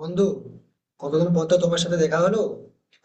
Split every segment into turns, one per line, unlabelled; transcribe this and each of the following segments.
বন্ধু, কতদিন পর তো তোমার সাথে দেখা হলো।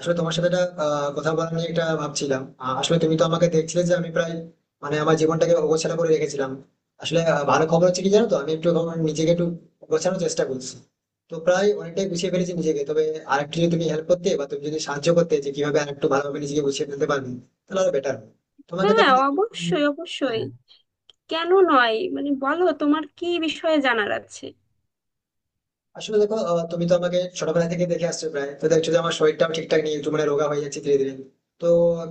আসলে তোমার সাথে একটা কথা বলা নিয়ে একটা ভাবছিলাম। আসলে তুমি তো আমাকে দেখছিলে যে আমি প্রায় মানে আমার জীবনটাকে অগোছালো করে রেখেছিলাম। আসলে ভালো খবর হচ্ছে কি জানো, তো আমি একটু এখন নিজেকে একটু গোছানোর চেষ্টা করছি। তো প্রায় অনেকটাই গুছিয়ে ফেলেছি নিজেকে, তবে আরেকটু যদি তুমি হেল্প করতে বা তুমি যদি সাহায্য করতে যে কিভাবে আরেকটু ভালোভাবে নিজেকে গুছিয়ে ফেলতে পারবে, তাহলে আরো বেটার। তোমাকে তো
হ্যাঁ,
আমি দেখি তুমি।
অবশ্যই অবশ্যই।
হ্যাঁ।
কেন নয়? মানে বলো, তোমার কি বিষয়ে জানার আছে?
আসলে দেখো, তুমি তো আমাকে ছোটবেলা থেকে দেখে আসছো প্রায়, তো দেখছো যে আমার শরীরটাও ঠিকঠাক নেই, একটু মানে রোগা হয়ে যাচ্ছে ধীরে ধীরে। তো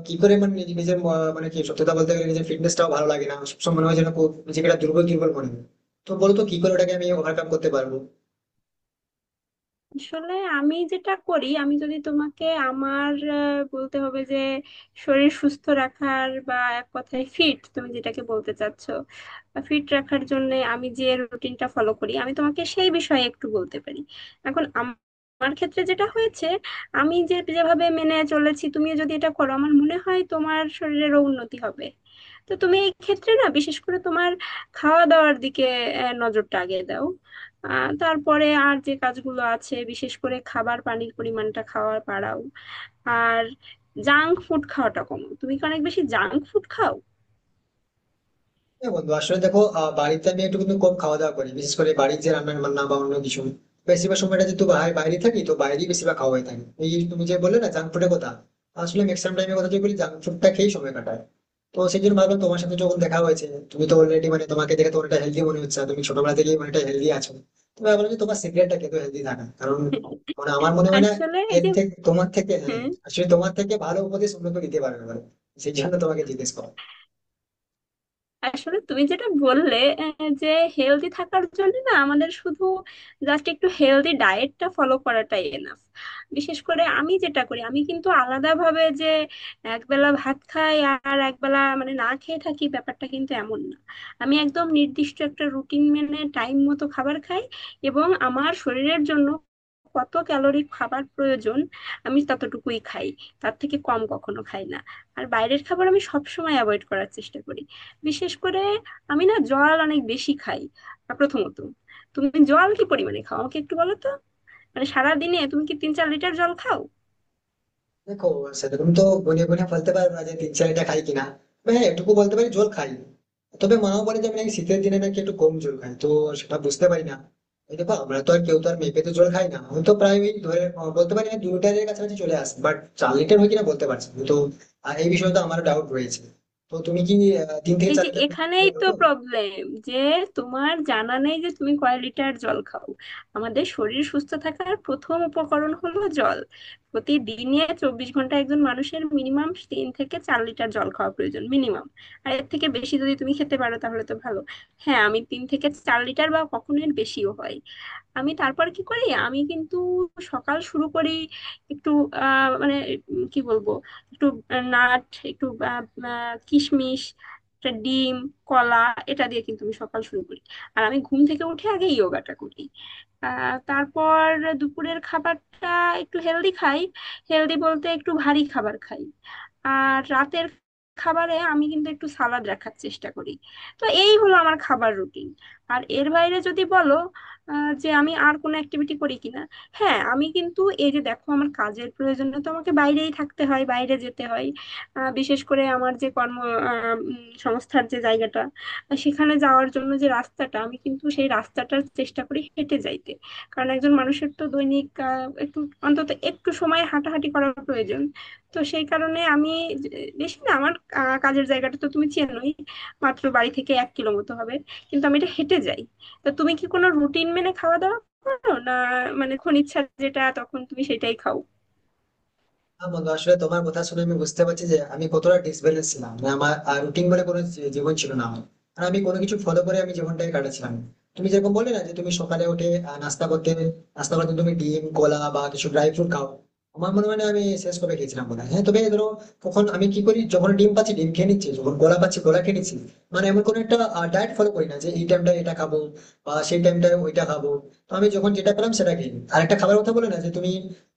কি করে মানে নিজের মানে কি সত্যতা বলতে গেলে, নিজের ফিটনেসটাও ভালো লাগে না, সবসময় মনে হয় যেন খুব নিজেকে একটা দুর্বল দুর্বল মনে হয়। তো বলো তো কি করে ওটাকে আমি ওভারকাম করতে পারবো।
আসলে আমি যেটা করি, আমি যদি তোমাকে আমার বলতে হবে যে শরীর সুস্থ রাখার বা এক কথায় ফিট, তুমি যেটাকে বলতে চাচ্ছ, ফিট রাখার জন্য আমি যে রুটিনটা ফলো করি, আমি তোমাকে সেই বিষয়ে একটু বলতে পারি। এখন আমার ক্ষেত্রে যেটা হয়েছে, আমি যে যেভাবে মেনে চলেছি, তুমিও যদি এটা করো আমার মনে হয় তোমার শরীরেরও উন্নতি হবে। তো তুমি এই ক্ষেত্রে, না, বিশেষ করে তোমার খাওয়া দাওয়ার দিকে নজরটা আগে দাও। তারপরে আর যে কাজগুলো আছে, বিশেষ করে খাবার পানির পরিমাণটা খাওয়ার বাড়াও। আর জাঙ্ক ফুড খাওয়াটা কমাও। তুমি কি অনেক বেশি জাঙ্ক ফুড খাও?
হ্যাঁ বন্ধু, আসলে দেখো, বাড়িতে আমি একটু কিন্তু কম খাওয়া দাওয়া করি, বিশেষ করে বাড়ির যে রান্না বান্না বা অন্য কিছু। বেশিরভাগ সময়টা যেহেতু বাইরে থাকি, তো বাইরেই বেশিরভাগ খাওয়া হয়ে থাকে। এই তুমি যে বললে না জাঙ্ক ফুডের কথা, আসলে ম্যাক্সিমাম টাইমের কথা যদি বলি জাঙ্ক ফুডটা খেয়েই সময় কাটায়। তো সেই জন্য ভাবলাম তোমার সাথে যখন দেখা হয়েছে, তুমি তো অলরেডি মানে তোমাকে দেখে তো অনেকটা হেলদি মনে হচ্ছে, আর তুমি ছোটবেলা থেকেই অনেকটা হেলদি আছো। তো আমি বললাম যে তোমার সিগারেটটা খেতে হেলদি থাকা কারণ মানে আমার মনে হয় না
আসলে এই
এর
যে,
থেকে তোমার থেকে। হ্যাঁ,
হ্যাঁ,
আসলে তোমার থেকে ভালো উপদেশ অন্য কেউ দিতে পারবে না। সেই জন্য তোমাকে জিজ্ঞেস করা।
আসলে তুমি যেটা বললে, যে হেলদি থাকার জন্য না আমাদের শুধু জাস্ট একটু হেলদি ডায়েটটা ফলো করাটাই এনাফ। বিশেষ করে আমি যেটা করি, আমি কিন্তু আলাদাভাবে যে একবেলা ভাত খাই আর একবেলা মানে না খেয়ে থাকি, ব্যাপারটা কিন্তু এমন না। আমি একদম নির্দিষ্ট একটা রুটিন মেনে টাইম মতো খাবার খাই, এবং আমার শরীরের জন্য কত ক্যালোরি খাবার প্রয়োজন আমি ততটুকুই খাই, তার থেকে কম কখনো খাই না। আর বাইরের খাবার আমি সবসময় অ্যাভয়েড করার চেষ্টা করি। বিশেষ করে আমি না জল অনেক বেশি খাই। প্রথমত, তুমি জল কি পরিমাণে খাও আমাকে একটু বলো তো? মানে সারাদিনে তুমি কি 3-4 লিটার জল খাও?
দেখো, সেরকম তো গুনে গুনে বলতে পারবো না যে তিন চারটা খাই কিনা। তবে হ্যাঁ এটুকু বলতে পারি জল খাই। তবে মাও বলে যে আমি নাকি শীতের দিনে নাকি একটু কম জল খাই, তো সেটা বুঝতে পারি না। এই দেখো, আমরা তো আর কেউ তো আর মেপে তো জল খাই না। আমি তো প্রায় ওই ধরে বলতে পারি না, 2 লিটারের কাছাকাছি চলে আসি, বাট 4 লিটার হয় কিনা বলতে পারছি না। তো এই বিষয়ে তো আমার ডাউট রয়েছে। তো তুমি কি তিন থেকে
এই
চার
যে
লিটার বলতে
এখানেই
পারো
তো
তো?
প্রবলেম, যে তোমার জানা নেই যে তুমি কয় লিটার জল খাও। আমাদের শরীর সুস্থ থাকার প্রথম উপকরণ হলো জল। প্রতিদিনে 24 ঘন্টা একজন মানুষের মিনিমাম 3 থেকে 4 লিটার জল খাওয়া প্রয়োজন, মিনিমাম। আর এর থেকে বেশি যদি তুমি খেতে পারো তাহলে তো ভালো। হ্যাঁ, আমি 3 থেকে 4 লিটার বা কখনো এর বেশিও হয়। আমি তারপর কি করি, আমি কিন্তু সকাল শুরু করি একটু মানে কি বলবো, একটু নাট, একটু কিশমিশ, একটা ডিম, কলা, এটা দিয়ে কিন্তু আমি সকাল শুরু করি। আর আমি ঘুম থেকে উঠে আগে যোগাটা করি। তারপর দুপুরের খাবারটা একটু হেলদি খাই। হেলদি বলতে একটু ভারী খাবার খাই। আর রাতের খাবারে আমি কিন্তু একটু সালাদ রাখার চেষ্টা করি। তো এই হলো আমার খাবার রুটিন। আর এর বাইরে যদি বলো, যে আমি আর কোনো অ্যাক্টিভিটি করি কিনা, হ্যাঁ আমি কিন্তু এই যে দেখো আমার কাজের প্রয়োজনে তো আমাকে বাইরেই থাকতে হয়, বাইরে যেতে হয়। বিশেষ করে আমার যে কর্ম সংস্থার যে জায়গাটা, সেখানে যাওয়ার জন্য যে রাস্তাটা, আমি কিন্তু সেই রাস্তাটার চেষ্টা করি হেঁটে যাইতে। কারণ একজন মানুষের তো দৈনিক একটু, অন্তত একটু সময় হাঁটাহাঁটি করা প্রয়োজন। তো সেই কারণে আমি, যে- বেশি না, আমার কাজের জায়গাটা তো তুমি চেনোই, মাত্র বাড়ি থেকে 1 কিলো মতো হবে, কিন্তু আমি এটা হেঁটে যাই। তা তুমি কি কোনো রুটিন মেনে খাওয়া দাওয়া করো না? মানে যখন ইচ্ছা যেটা তখন তুমি সেটাই খাও?
হ্যাঁ বন্ধু, আসলে তোমার কথা শুনে আমি বুঝতে পারছি যে আমি কতটা ডিসব্যালেন্স ছিলাম, মানে আমার রুটিন বলে কোনো জীবন ছিল না আমার। আর আমি কোনো কিছু ফলো করে আমি জীবনটাকে কাটাচ্ছিলাম। তুমি যেরকম বললে না যে তুমি সকালে উঠে নাস্তা করতে, নাস্তা করতে তুমি ডিম কলা বা কিছু ড্রাই ফ্রুট খাও। আমার মনে হয় না আমি শেষ করে খেয়েছিলাম বোধ হয়। হ্যাঁ তবে ধরো, তখন আমি কি করি, যখন ডিম পাচ্ছি ডিম খেয়ে নিচ্ছি, যখন কলা পাচ্ছি কলা খেয়ে নিচ্ছি। মানে এমন কোনো একটা ডায়েট ফলো করি না যে এই টাইমটা এটা খাবো বা সেই টাইমটা ওইটা খাবো। তো আমি যখন যেটা পেলাম সেটা খেয়ে নিই। আর একটা খাবারের কথা বলে না যে তুমি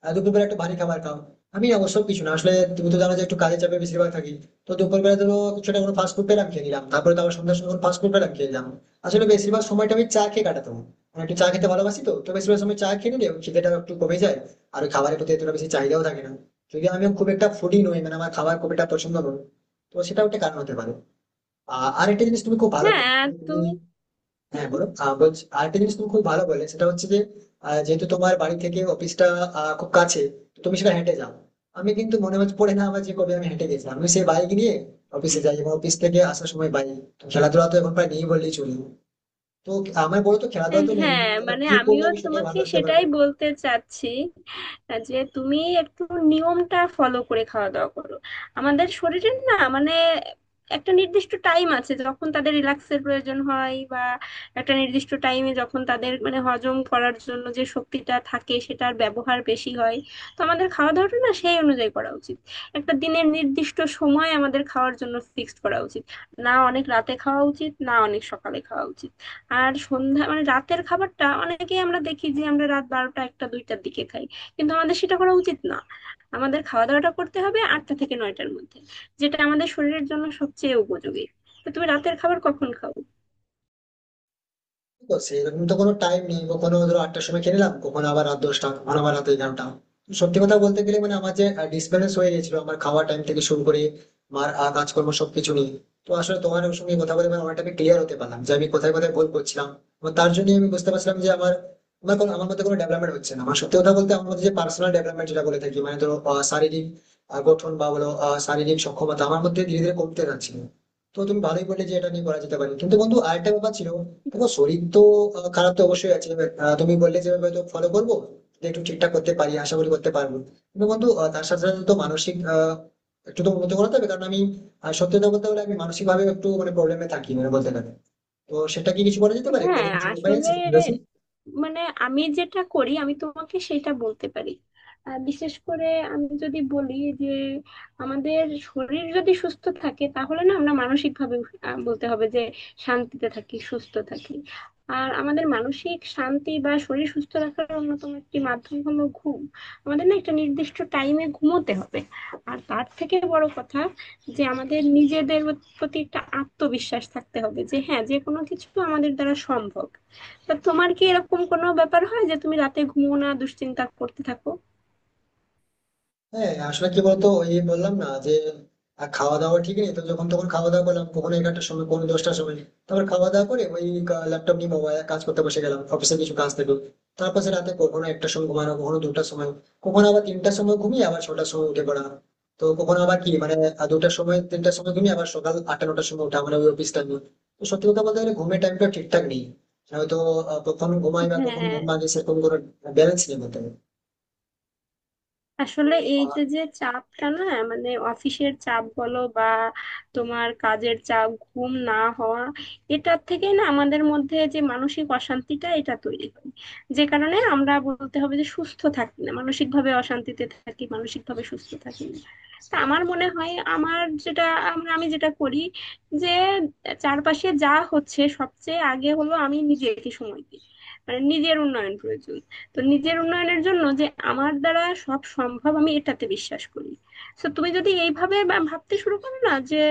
দুপুরবেলা একটু ভারী খাবার খাও, আমি অবশ্য কিছু না। আসলে তুমি তো জানো যে একটু কাজের চাপে বেশিরভাগ থাকি। তো দুপুরবেলা ধরো কিছুটা কোনো ফাস্ট ফুড পেলাম খেয়ে নিলাম, তারপরে তো আবার সন্ধ্যার সময় ফাস্ট ফুড পেলাম খেয়ে নিলাম। আসলে বেশিরভাগ সময়টা আমি চা খেয়ে কাটাতাম। আমি একটু চা খেতে ভালোবাসি, তো তো বেশিরভাগ সময় চা খেয়ে নিলে খিদেটা একটু কমে যায়। আর ওই খাবারের প্রতি এতটা বেশি চাহিদাও থাকে না, যদি আমি খুব একটা ফুডি নই, মানে আমার খাবার খুব একটা পছন্দ নয়। তো সেটাও একটা কারণ হতে পারে। আর একটা জিনিস তুমি খুব ভালো বলো।
হ্যাঁ,
তুমি।
তুমি,
হ্যাঁ
হুম,
বলো। বলছি, আরেকটা জিনিস তুমি খুব ভালো বললে, সেটা হচ্ছে যে যেহেতু তোমার বাড়ি থেকে অফিসটা খুব কাছে, তো তুমি সেটা হেঁটে যাও। আমি কিন্তু মনে হচ্ছে পড়ে না আমার যে কবে আমি হেঁটে গেছিলাম। আমি সেই বাইক নিয়ে অফিসে যাই এবং অফিস থেকে আসার সময় বাইক। খেলাধুলা তো এখন প্রায় নেই বললেই চলি। তো আমার বলো তো খেলাধুলা তো নেই তো
হ্যাঁ,
আমার
মানে
কি করলে
আমিও
আমি সেটাই
তোমাকে
ভালো রাখতে পারবো।
সেটাই বলতে চাচ্ছি, যে তুমি একটু নিয়মটা ফলো করে খাওয়া দাওয়া করো। আমাদের শরীরের না মানে একটা নির্দিষ্ট টাইম আছে যখন তাদের রিল্যাক্সের প্রয়োজন হয়, বা একটা নির্দিষ্ট টাইমে যখন তাদের মানে হজম করার জন্য যে শক্তিটা থাকে সেটার ব্যবহার বেশি হয়। তো আমাদের খাওয়া দাওয়াটা না সেই অনুযায়ী করা উচিত। একটা দিনের নির্দিষ্ট সময় আমাদের খাওয়ার জন্য ফিক্সড করা উচিত। না অনেক রাতে খাওয়া উচিত, না অনেক সকালে খাওয়া উচিত। আর সন্ধ্যা মানে রাতের খাবারটা অনেকেই আমরা দেখি যে আমরা রাত 12টা, 1টা, 2টার দিকে খাই, কিন্তু আমাদের সেটা করা উচিত না। আমাদের খাওয়া দাওয়াটা করতে হবে 8টা থেকে 9টার মধ্যে, যেটা আমাদের শরীরের জন্য সবচেয়ে উপযোগী। তো তুমি রাতের খাবার কখন খাও?
তো সেরকম তো কোনো টাইম নেই, কখনো ধরো 8টার সময় খেয়ে নিলাম, কখনো আবার রাত 10টা, কখনো আবার রাত 11টা। তো সত্যি কথা বলতে গেলে মানে আমার যে ডিসব্যালেন্স হয়ে গেছিল আমার খাওয়া টাইম থেকে শুরু করে আমার কাজকর্ম সবকিছু নিয়ে। তো আসলে তোমার সঙ্গে কথা বলে মানে অনেকটা আমি ক্লিয়ার হতে পারলাম যে আমি কোথায় কোথায় ভুল করছিলাম। এবং তার জন্য আমি বুঝতে পারছিলাম যে আমার আমার কোনো আমার মধ্যে কোনো ডেভেলপমেন্ট হচ্ছে না। আমার সত্যি কথা বলতে আমার মধ্যে যে পার্সোনাল ডেভেলপমেন্ট যেটা বলে থাকি, মানে ধরো শারীরিক গঠন বা বলো শারীরিক সক্ষমতা আমার মধ্যে ধীরে ধীরে কমতে যাচ্ছিল। তো তুমি ভালোই বললে যে এটা নিয়ে করা যেতে পারে, কিন্তু বন্ধু আরেকটা ব্যাপার ছিল। দেখো, শরীর তো খারাপ তো অবশ্যই আছে। তুমি বললে যে আমি হয়তো ফলো করবো যে একটু ঠিকঠাক করতে পারি, আশা করি করতে পারবো। কিন্তু বন্ধু তার সাথে সাথে তো মানসিক একটু তো উন্নত করাতে হবে কারণ আমি সত্যি কথা বলতে হলে আমি মানসিক ভাবে একটু মানে প্রবলেমে থাকি মানে বলতে গেলে। তো সেটা কি কিছু বলা যেতে পারে, কোনো
হ্যাঁ,
কিছু উপায়
আসলে
আছে তোমার কাছে?
মানে আমি যেটা করি আমি তোমাকে সেটা বলতে পারি। বিশেষ করে আমি যদি বলি যে আমাদের শরীর যদি সুস্থ থাকে তাহলে না আমরা মানসিক ভাবে বলতে হবে যে শান্তিতে থাকি, সুস্থ থাকি। আর আমাদের মানসিক শান্তি বা শরীর সুস্থ রাখার অন্যতম একটি মাধ্যম হলো ঘুম। আমাদের না একটা নির্দিষ্ট টাইমে ঘুমোতে হবে। আর তার থেকে বড় কথা, যে আমাদের নিজেদের প্রতি একটা আত্মবিশ্বাস থাকতে হবে যে হ্যাঁ, যে কোনো কিছু আমাদের দ্বারা সম্ভব। তা তোমার কি এরকম কোনো ব্যাপার হয় যে তুমি রাতে ঘুমো না, দুশ্চিন্তা করতে থাকো?
হ্যাঁ, আসলে কি বলতো, ওই বললাম না যে খাওয়া দাওয়া ঠিক নেই, তো যখন তখন খাওয়া দাওয়া করলাম, কখনো 11টার সময়, কখনো 10টার সময়। তারপর খাওয়া দাওয়া করে ওই ল্যাপটপ নিয়ে মোবাইল কাজ করতে বসে গেলাম, অফিসে কিছু কাজ থাকলো। তারপর সে রাতে কখনো 1টার সময় ঘুমানো, কখনো 2টার সময়, কখনো আবার 3টার সময় ঘুমিয়ে আবার 6টার সময় উঠে পড়া। তো কখনো আবার কি মানে 2টার সময় 3টার সময় ঘুমিয়ে আবার সকাল 8টা 9টার সময় ওঠা, মানে ওই অফিস টাইম। তো সত্যি কথা বলতে গেলে ঘুমের টাইমটা ঠিকঠাক নেই, হয়তো কখন ঘুমাই বা কখন
হ্যাঁ,
ঘুম ভাঙে সেরকম কোনো ব্যালেন্স নেই বলতে
আসলে এই
গেলে।
যে যে চাপটা না, মানে অফিসের চাপ বলো বা তোমার কাজের চাপ, ঘুম না হওয়া, এটার থেকে না আমাদের মধ্যে যে মানসিক অশান্তিটা, এটা তৈরি হয়। যে কারণে আমরা বলতে হবে যে সুস্থ থাকি না, মানসিক ভাবে অশান্তিতে থাকি, মানসিক ভাবে সুস্থ থাকি না। তা আমার মনে হয় আমার যেটা, আমরা আমি যেটা করি, যে চারপাশে যা হচ্ছে সবচেয়ে আগে হলো আমি নিজেকে সময় দিই। মানে নিজের উন্নয়ন প্রয়োজন। তো নিজের উন্নয়নের জন্য যে আমার দ্বারা সব সম্ভব, আমি এটাতে বিশ্বাস করি। তো তুমি যদি এইভাবে ভাবতে শুরু করো না যে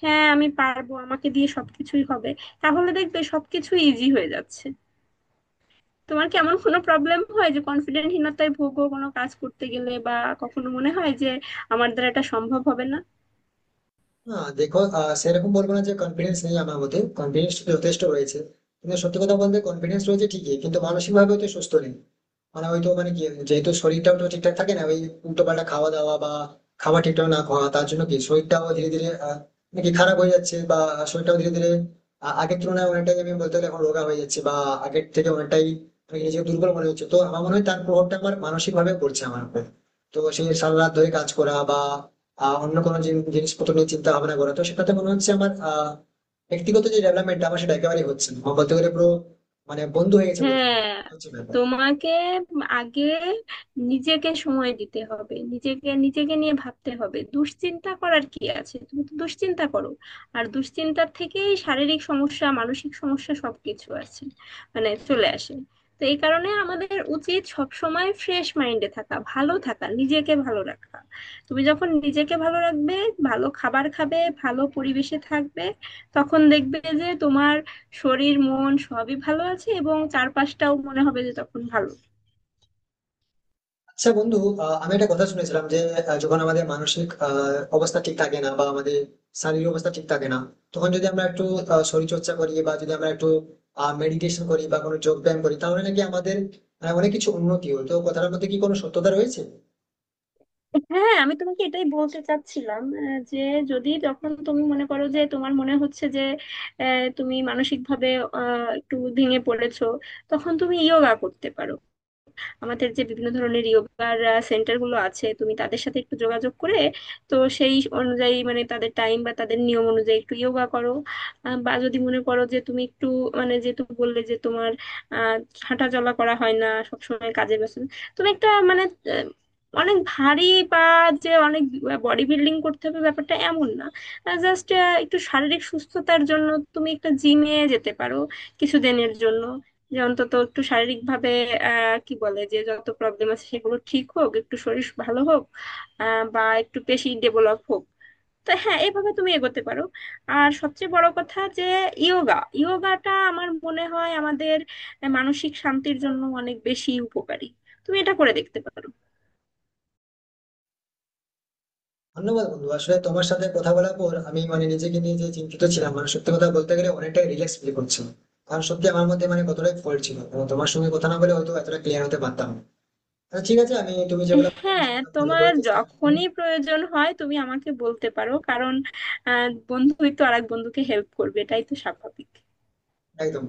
হ্যাঁ আমি পারবো, আমাকে দিয়ে সবকিছুই হবে, তাহলে দেখবে সবকিছু ইজি হয়ে যাচ্ছে। তোমার কি এমন কোনো প্রবলেম হয় যে কনফিডেন্টহীনতায় ভোগো কোনো কাজ করতে গেলে, বা কখনো মনে হয় যে আমার দ্বারা এটা সম্ভব হবে না?
না দেখো, সেরকম বলবো না যে কনফিডেন্স নেই। আমার মধ্যে কনফিডেন্স যথেষ্ট রয়েছে। কিন্তু সত্যি কথা বলতে কনফিডেন্স রয়েছে ঠিকই, কিন্তু মানসিক ভাবে তো সুস্থ নেই। মানে ওই তো মানে কি, যেহেতু শরীরটাও তো ঠিকঠাক থাকে না, ওই উল্টো পাল্টা খাওয়া দাওয়া বা খাবার ঠিকঠাক না খাওয়া, তার জন্য কি শরীরটাও ধীরে ধীরে মানে কি খারাপ হয়ে যাচ্ছে, বা শরীরটাও ধীরে ধীরে আগের তুলনায় অনেকটাই আমি বলতে গেলে এখন রোগা হয়ে যাচ্ছে, বা আগের থেকে অনেকটাই মানে কি নিজেকে দুর্বল মনে হচ্ছে। তো আমার মনে হয় তার প্রভাবটা আমার মানসিক ভাবে পড়ছে আমার উপর। তো সেই সারা রাত ধরে কাজ করা বা অন্য কোনো জিনিসপত্র নিয়ে চিন্তা ভাবনা করা, তো সেটাতে মনে হচ্ছে আমার ব্যক্তিগত যে ডেভেলপমেন্ট আমার সেটা একেবারেই হচ্ছে না, আমার বলতে গেলে পুরো মানে বন্ধ হয়ে গেছে বলতে গেলে।
হ্যাঁ,
হচ্ছে ব্যাপার।
তোমাকে আগে নিজেকে সময় দিতে হবে, নিজেকে নিজেকে নিয়ে ভাবতে হবে। দুশ্চিন্তা করার কি আছে? তুমি তো দুশ্চিন্তা করো, আর দুশ্চিন্তার থেকেই শারীরিক সমস্যা, মানসিক সমস্যা সবকিছু আছে মানে চলে আসে। তো এই কারণে আমাদের উচিত সব সময় ফ্রেশ মাইন্ডে থাকা, ভালো থাকা, নিজেকে ভালো রাখা। তুমি যখন নিজেকে ভালো রাখবে, ভালো খাবার খাবে, ভালো পরিবেশে থাকবে, তখন দেখবে যে তোমার শরীর মন সবই ভালো আছে এবং চারপাশটাও মনে হবে যে তখন ভালো।
আচ্ছা বন্ধু, আমি একটা কথা শুনেছিলাম যে যখন আমাদের মানসিক অবস্থা ঠিক থাকে না বা আমাদের শারীরিক অবস্থা ঠিক থাকে না, তখন যদি আমরা একটু শরীরচর্চা করি বা যদি আমরা একটু মেডিটেশন করি বা কোনো যোগ ব্যায়াম করি, তাহলে নাকি আমাদের অনেক কিছু উন্নতি হয়। তো কথাটার মধ্যে কি কোনো সত্যতা রয়েছে?
হ্যাঁ, আমি তোমাকে এটাই বলতে চাচ্ছিলাম, যে যদি তখন তুমি মনে করো যে তোমার মনে হচ্ছে যে তুমি মানসিকভাবে একটু ভেঙে পড়েছো, তখন তুমি ইয়োগা করতে পারো। আমাদের যে বিভিন্ন ধরনের ইয়োগার সেন্টার গুলো আছে, তুমি তাদের সাথে একটু যোগাযোগ করে, তো সেই অনুযায়ী মানে তাদের টাইম বা তাদের নিয়ম অনুযায়ী একটু ইয়োগা করো। বা যদি মনে করো যে তুমি একটু মানে, যেহেতু বললে যে তোমার আহ হাঁটা চলা করা হয় না সবসময় কাজের ব্যস্ত, তুমি একটা মানে আহ, অনেক ভারী, বা যে অনেক বডি বিল্ডিং করতে হবে, ব্যাপারটা এমন না। জাস্ট একটু শারীরিক সুস্থতার জন্য তুমি একটা জিমে যেতে পারো কিছুদিনের জন্য, যে অন্তত একটু শারীরিক ভাবে কি বলে, যে যত প্রবলেম আছে সেগুলো ঠিক হোক, একটু শরীর ভালো হোক, বা একটু পেশি ডেভেলপ হোক। তো হ্যাঁ এইভাবে তুমি এগোতে পারো। আর সবচেয়ে বড় কথা যে ইয়োগাটা আমার মনে হয় আমাদের মানসিক শান্তির জন্য অনেক বেশি উপকারী। তুমি এটা করে দেখতে পারো।
ধন্যবাদ বন্ধু। আসলে তোমার সাথে কথা বলার পর আমি মানে নিজেকে নিয়ে যে চিন্তিত ছিলাম, মানে সত্যি কথা বলতে গেলে অনেকটাই রিল্যাক্স ফিল করছিলাম। কারণ সত্যি আমার মধ্যে মানে কতটাই ফল্ট ছিল, এবং তোমার সঙ্গে কথা না বলে হয়তো এতটা ক্লিয়ার হতে পারতাম না। আচ্ছা ঠিক আছে, আমি তুমি যেগুলো বললে আমি
হ্যাঁ,
সেগুলো ফলো
তোমার
করার চেষ্টা করবো।
যখনই প্রয়োজন হয় তুমি আমাকে বলতে পারো, কারণ বন্ধুই তো আরেক বন্ধুকে হেল্প করবে, এটাই তো স্বাভাবিক।
একদম।